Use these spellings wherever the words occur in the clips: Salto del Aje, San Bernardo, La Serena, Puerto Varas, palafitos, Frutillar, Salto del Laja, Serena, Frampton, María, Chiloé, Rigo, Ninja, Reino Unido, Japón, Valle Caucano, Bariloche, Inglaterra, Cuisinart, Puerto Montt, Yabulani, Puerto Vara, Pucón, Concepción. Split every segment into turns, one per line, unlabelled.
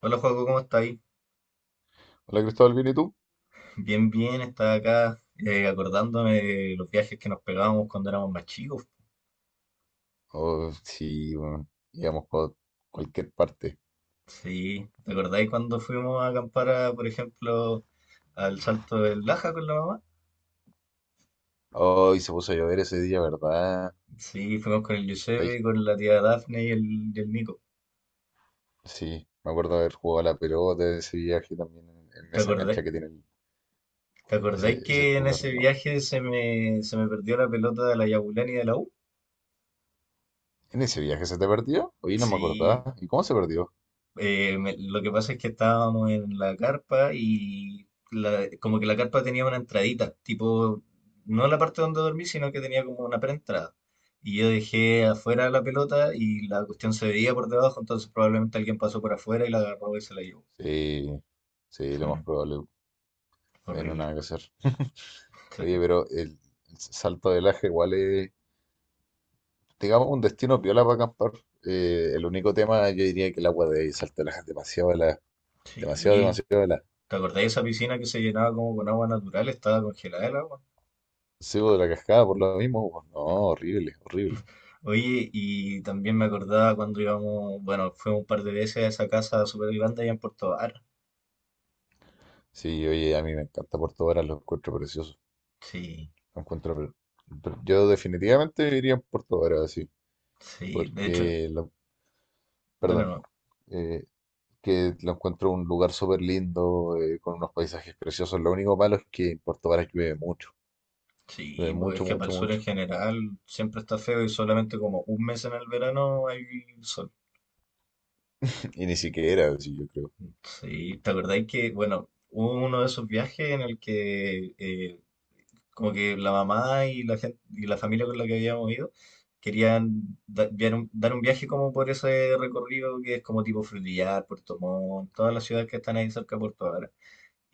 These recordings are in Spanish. Hola Joaco, ¿cómo estáis?
Hola Cristóbal, ¿bien y tú?
Bien, bien, estaba acá acordándome de los viajes que nos pegábamos cuando éramos más chicos.
Oh, sí, bueno, íbamos por cualquier parte.
Sí, ¿te acordáis cuando fuimos a acampar, a, por ejemplo, al Salto del Laja con la mamá?
Hoy se puso a llover ese día, ¿verdad?
Sí, fuimos con el
Sí,
Giuseppe, con la tía Dafne y el Nico.
sí, me acuerdo de haber jugado a la pelota de ese viaje también en
¿Te
esa cancha
acordáis?
que tiene el-
¿Te
ese,
acordáis
ese
que en
lugar,
ese
digamos.
viaje se me perdió la pelota de la Yabulani de la U?
¿En ese viaje se te perdió? Oye, no me
Sí.
acordaba. ¿Y cómo se perdió?
Lo que pasa es que estábamos en la carpa y como que la carpa tenía una entradita, tipo, no la parte donde dormí, sino que tenía como una preentrada. Y yo dejé afuera la pelota y la cuestión se veía por debajo, entonces probablemente alguien pasó por afuera y la agarró y se la llevó.
Sí, sí,
Sí,
lo más probable. Bueno,
horrible.
nada que hacer. Oye,
Sí.
pero el Salto del Aje igual es, digamos, un destino piola para acampar. El único tema, yo diría que el agua de Salto del Aje es demasiado helada. Demasiado,
Sí.
demasiado
¿Te acordás de esa piscina que se llenaba como con agua natural? Estaba congelada el agua.
sí, pues, de la cascada por lo mismo. Pues, no, horrible, horrible.
Oye, y también me acordaba cuando íbamos, bueno, fuimos un par de veces a esa casa súper grande allá en Puerto Vara.
Sí, oye, a mí me encanta Puerto Varas, lo encuentro precioso.
Sí.
Lo encuentro pre- pre- Yo definitivamente viviría en Puerto Varas, sí,
Sí, de hecho,
porque, lo-
dale
perdón,
no.
eh, que lo encuentro un lugar súper lindo, con unos paisajes preciosos. Lo único malo es que en Puerto Varas llueve
Sí, pues es
mucho,
que para el
mucho,
sur en
mucho.
general siempre está feo y solamente como un mes en el verano hay sol.
Y ni siquiera, sí, yo creo.
Sí, ¿te acordáis que, bueno, hubo uno de esos viajes en el que como que la mamá y la gente, y la familia con la que habíamos ido querían dar un viaje como por ese recorrido que es como tipo Frutillar, Puerto Montt, todas las ciudades que están ahí cerca de Puerto Varas.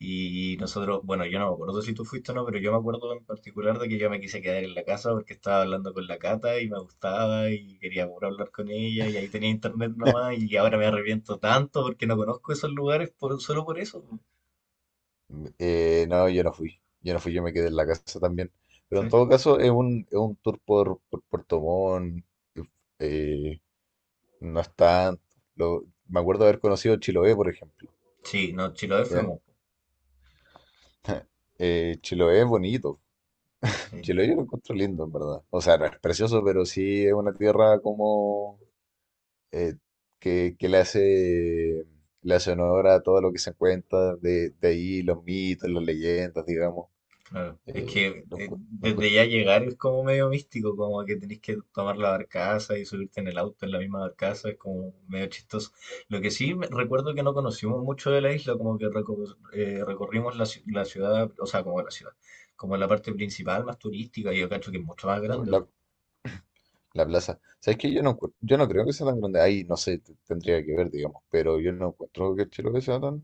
Y nosotros, bueno, yo no me acuerdo si tú fuiste o no, pero yo me acuerdo en particular de que yo me quise quedar en la casa porque estaba hablando con la Cata y me gustaba y quería puro hablar con ella y ahí tenía internet nomás y ahora me arrepiento tanto porque no conozco esos lugares por, solo por eso.
No, yo no fui. Yo no fui, yo me quedé en la casa también. Pero en
Sí,
todo caso, es un tour por Puerto Montt. eh, eh, no es tanto. Lo- me acuerdo de haber conocido Chiloé, por ejemplo.
sí, no, Chiloé
¿Ya?
fuimos.
Chiloé es bonito.
Sí.
Chiloé yo lo encuentro lindo, en verdad. O sea, no es precioso, pero sí es una tierra como eh, que le hace honor a todo lo que se cuenta de ahí, los mitos, las leyendas, digamos.
Claro, es que
Lo, encu- lo
desde ya llegar es como medio místico, como que tenés que tomar la barcaza y subirte en el auto en la misma barcaza, es como medio chistoso. Lo que sí recuerdo que no conocimos mucho de la isla, como que recorrimos la, la ciudad, o sea, como la ciudad, como la parte principal más turística, y yo cacho que es mucho más grande,
encuentro- La plaza. ¿Sabes qué? Yo no, encuent- yo no creo que sea tan grande. Ahí, no sé, t- tendría que ver, digamos, pero yo no encuentro que Chiloé sea tan...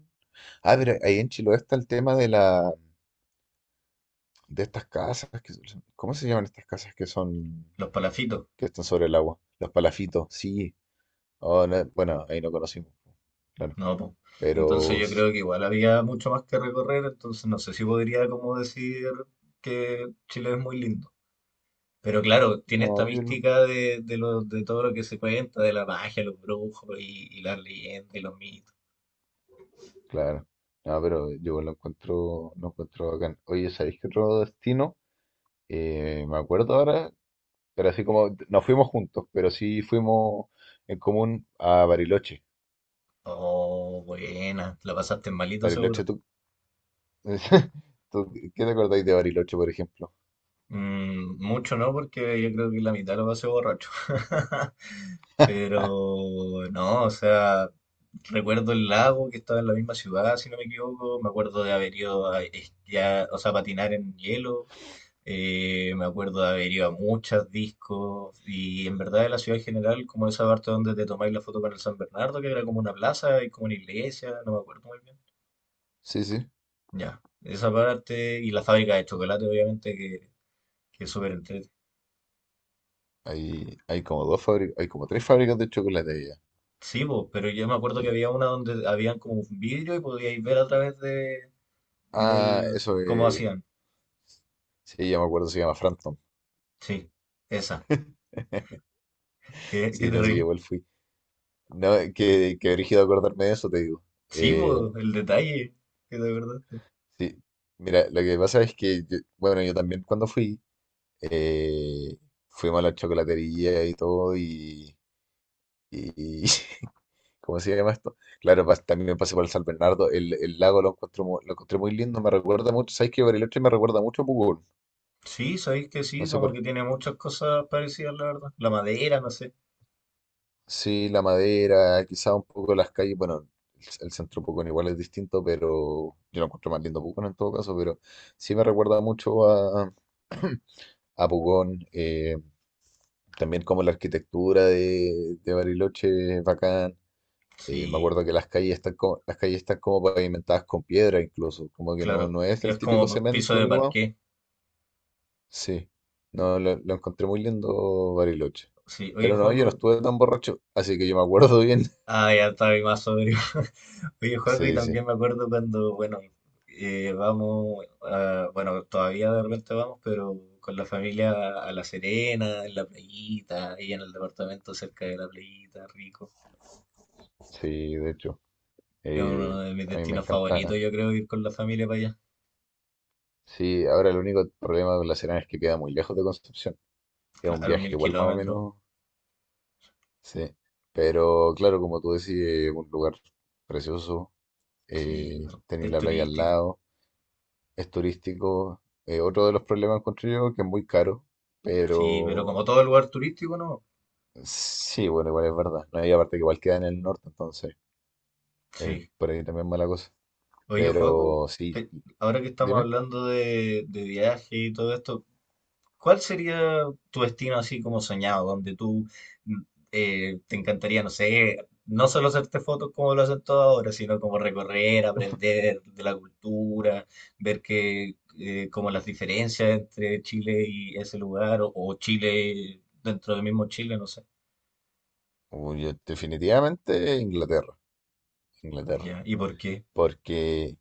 Ah, pero ahí en Chiloé está el tema de la... de estas casas que son- ¿Cómo se llaman estas casas que son...
los palafitos,
que están sobre el agua? Los palafitos, sí. Oh, no, bueno, ahí no conocimos, claro.
¿no? po. Entonces
Pero...
yo
sí,
creo que igual había mucho más que recorrer, entonces no sé si podría como decir que Chile es muy lindo. Pero claro, tiene esta
no, yo lo-
mística de, de todo lo que se cuenta, de la magia, los brujos y las leyendas y los mitos.
Claro. No, pero yo lo encuentro bacán. Oye, ¿sabéis qué otro destino? Me acuerdo ahora Pero así como no fuimos juntos, pero sí fuimos en común a Bariloche.
Oh, buena, la pasaste malito
Bariloche,
seguro.
tú, tú- ¿qué te acordáis de Bariloche, por ejemplo?
Mm, mucho no, porque yo creo que la mitad lo pasé borracho. Pero no, o sea, recuerdo el lago que estaba en la misma ciudad, si no me equivoco. Me acuerdo de haber ido a esquiar, o sea, a patinar en hielo. Me acuerdo de haber ido a muchos discos y en verdad de la ciudad en general, como esa parte donde te tomáis la foto con el San Bernardo, que era como una plaza y como una iglesia, no me acuerdo muy bien.
Sí, sí.
Ya, esa parte y la fábrica de chocolate, obviamente, que es súper entrete.
Hay como dos fábricas, hay como tres fábricas de chocolate allá.
Sí, po, pero yo me acuerdo que
Sí.
había una donde habían como un vidrio y podíais ver a través de,
Ah,
del
eso
cómo
es.
hacían.
Sí, ya me acuerdo, se llama Frampton.
Sí, esa, que
Sí,
te
no, sí,
reí.
igual fui. No, que brígido acordarme de eso, te digo.
Sí,
Eh,
po, el detalle, que de verdad.
sí, mira, lo que pasa es que, yo- bueno, yo también cuando fui, eh, fuimos a la chocolatería y todo, y, ¿cómo se llama esto? Claro, pas- también me pasé por el San Bernardo. El lago lo encuentro, mu- lo encontré muy lindo. Me recuerda mucho, ¿sabes qué? Bariloche me recuerda mucho a Pucón.
Sí, sabéis que
No
sí,
sé
como
por
que
qué.
tiene muchas cosas parecidas, la verdad. La madera, no sé.
Sí, la madera, quizá un poco las calles. Bueno, el centro de Pucón igual es distinto, pero yo lo encuentro más lindo Pucón en todo caso. Pero sí me recuerda mucho a Pucón. También como la arquitectura de Bariloche es bacán. Me
Sí,
acuerdo que las calles están como, las calles están como pavimentadas con piedra incluso, como que no,
claro.
no es el
Es
típico
como piso
cemento,
de
digamos.
parqué.
Sí, no, lo encontré muy lindo Bariloche.
Sí, oye,
Pero no, yo no
juego.
estuve tan borracho, así que yo me acuerdo bien.
Ah, ya estaba ahí más sobrio. Oye, juego, y
Sí, sí,
también me acuerdo cuando, bueno, vamos, bueno, todavía de repente vamos, pero con la familia a La Serena, en la playita, ahí en el departamento cerca de la playita, rico.
sí, de hecho.
Es
eh,
uno de mis
a mí me
destinos
encanta.
favoritos, yo creo, ir con la familia para allá.
Sí, ahora el único problema con la Serena es que queda muy lejos de Concepción. Es un
Claro,
viaje
mil
igual más o
kilómetros.
menos, sí. Pero claro, como tú decís, es un lugar precioso.
Sí,
Tenéis
es
la playa al
turístico.
lado. Es turístico. Otro de los problemas encuentro yo que es muy caro,
Sí, pero como
pero
todo lugar turístico, ¿no?
sí, bueno, igual es verdad. No hay aparte que igual queda en el norte, entonces
Sí.
por ahí también mala cosa.
Oye, Joaco,
Pero sí,
te- ahora que estamos
dime.
hablando de viaje y todo esto, ¿cuál sería tu destino así como soñado, donde tú mm, te encantaría, no sé, no solo hacerte fotos como lo hacen todos ahora, sino como recorrer, aprender de la cultura, ver que como las diferencias entre Chile y ese lugar, o Chile dentro del mismo Chile, no sé.
Uy, yo definitivamente Inglaterra, Inglaterra,
Ya, ¿y por qué?
porque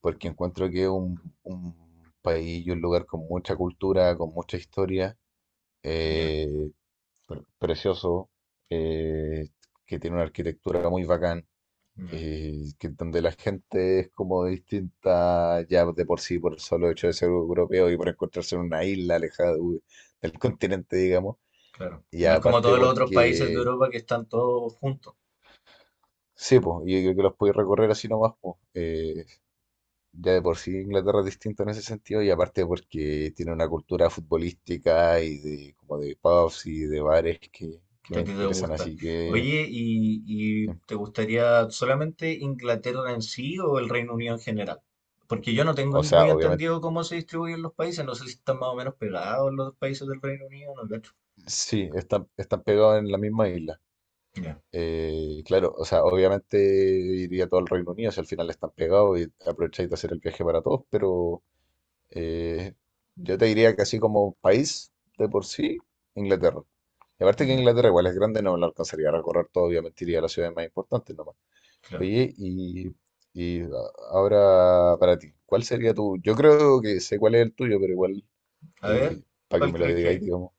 porque encuentro que es un país y un lugar con mucha cultura, con mucha historia,
Ya,
eh, precioso, eh, que tiene una arquitectura muy bacán
ya.
que donde la gente es como distinta ya de por sí, por el solo hecho de ser europeo y por encontrarse en una isla alejada de- del continente, digamos.
Claro.
Y
No es como
aparte
todos los otros países de
porque,
Europa que están todos juntos,
sí, pues, yo creo que los podéis recorrer así nomás, pues. Ya de por sí Inglaterra es distinto en ese sentido y aparte porque tiene una cultura futbolística y de como de pubs y de bares que
que
me
a ti te
interesan,
gusta.
así que,
Oye, y te gustaría solamente Inglaterra en sí o el Reino Unido en general? Porque yo no tengo
o sea,
muy
obviamente,
entendido cómo se distribuyen los países, no sé si están más o menos pegados los países del Reino Unido, no cacho.
sí, están, están pegados en la misma isla.
Ya,
Claro, o sea, obviamente iría todo al Reino Unido, si al final están pegados y aprovecháis de hacer el viaje para todos, pero eh, yo te diría que así como país de por sí, Inglaterra. Y aparte que
ya,
Inglaterra igual es grande, no lo alcanzaría a recorrer todo, obviamente iría a las ciudades más importantes nomás.
claro.
Oye, y a- ahora para ti, ¿cuál sería tu? Yo creo que sé cuál es el tuyo, pero igual,
A ver,
eh, para que
¿cuál
me lo
crees
digáis,
que?
digamos,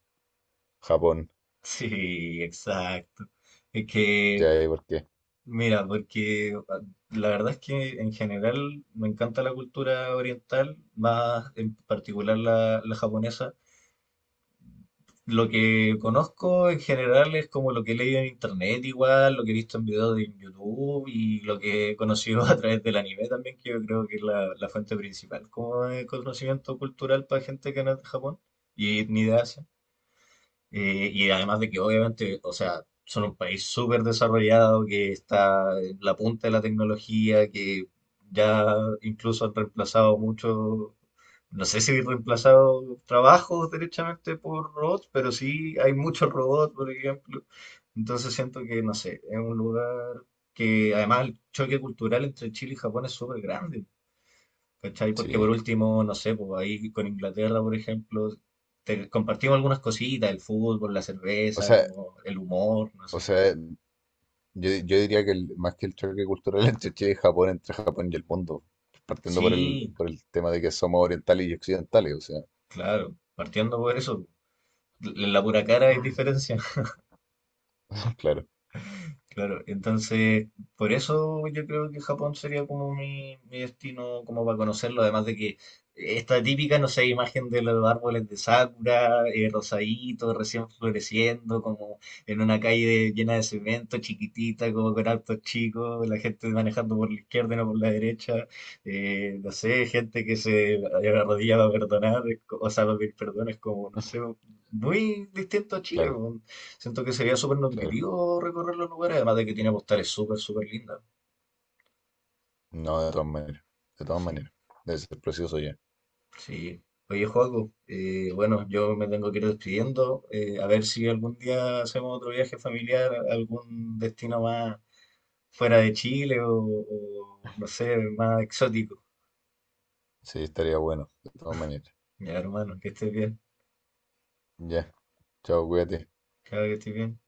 Japón,
Sí, exacto. Es que
ya, ¿por qué?
mira, porque ah, la verdad es que en general me encanta la cultura oriental, más en particular la, la japonesa. Lo que conozco en general es como lo que he leído en internet igual, lo que he visto en videos de YouTube y lo que he conocido a través del anime también, que yo creo que es la, la fuente principal como de conocimiento cultural para gente que no es de Japón y ni de Asia. Y además de que obviamente, o sea, son un país súper desarrollado, que está en la punta de la tecnología, que ya incluso han reemplazado mucho, no sé si han reemplazado trabajos derechamente por robots, pero sí hay muchos robots, por ejemplo. Entonces siento que, no sé, es un lugar que además el choque cultural entre Chile y Japón es súper grande. ¿Cachai? Porque por
Sí.
último, no sé, pues ahí con Inglaterra, por ejemplo, te compartimos algunas cositas, el fútbol, la
O
cerveza,
sea,
como el humor, no
o
sé.
sea, yo diría que el- más que el choque cultural entre Chile y Japón, entre Japón y el mundo, partiendo
Sí,
por el tema de que somos orientales y occidentales, o sea,
claro, partiendo por eso, en la pura cara hay diferencia.
claro,
Claro, entonces por eso yo creo que Japón sería como mi destino como para conocerlo, además de que esta típica, no sé, imagen de los árboles de sakura, rosadito, recién floreciendo, como en una calle llena de cemento, chiquitita, como con autos chicos, la gente manejando por la izquierda y no por la derecha, no sé, gente que se arrodilla para perdonar, o sea, para pedir perdón, es como, no sé, muy distinto a Chile.
claro,
Siento que sería súper
claro.
nutritivo recorrer los lugares, además de que tiene postales súper, súper lindas.
No, de todas maneras, de todas
Sí,
maneras. Debe ser precioso ya.
sí. Oye, Joaco, bueno, yo me tengo que ir despidiendo. A ver si algún día hacemos otro viaje familiar, a algún destino más fuera de Chile o, no sé, más exótico.
Sí, estaría bueno, de todas maneras.
Ya, hermano, que estés bien.
Ya, chao, cuídate.
Claro que estés bien.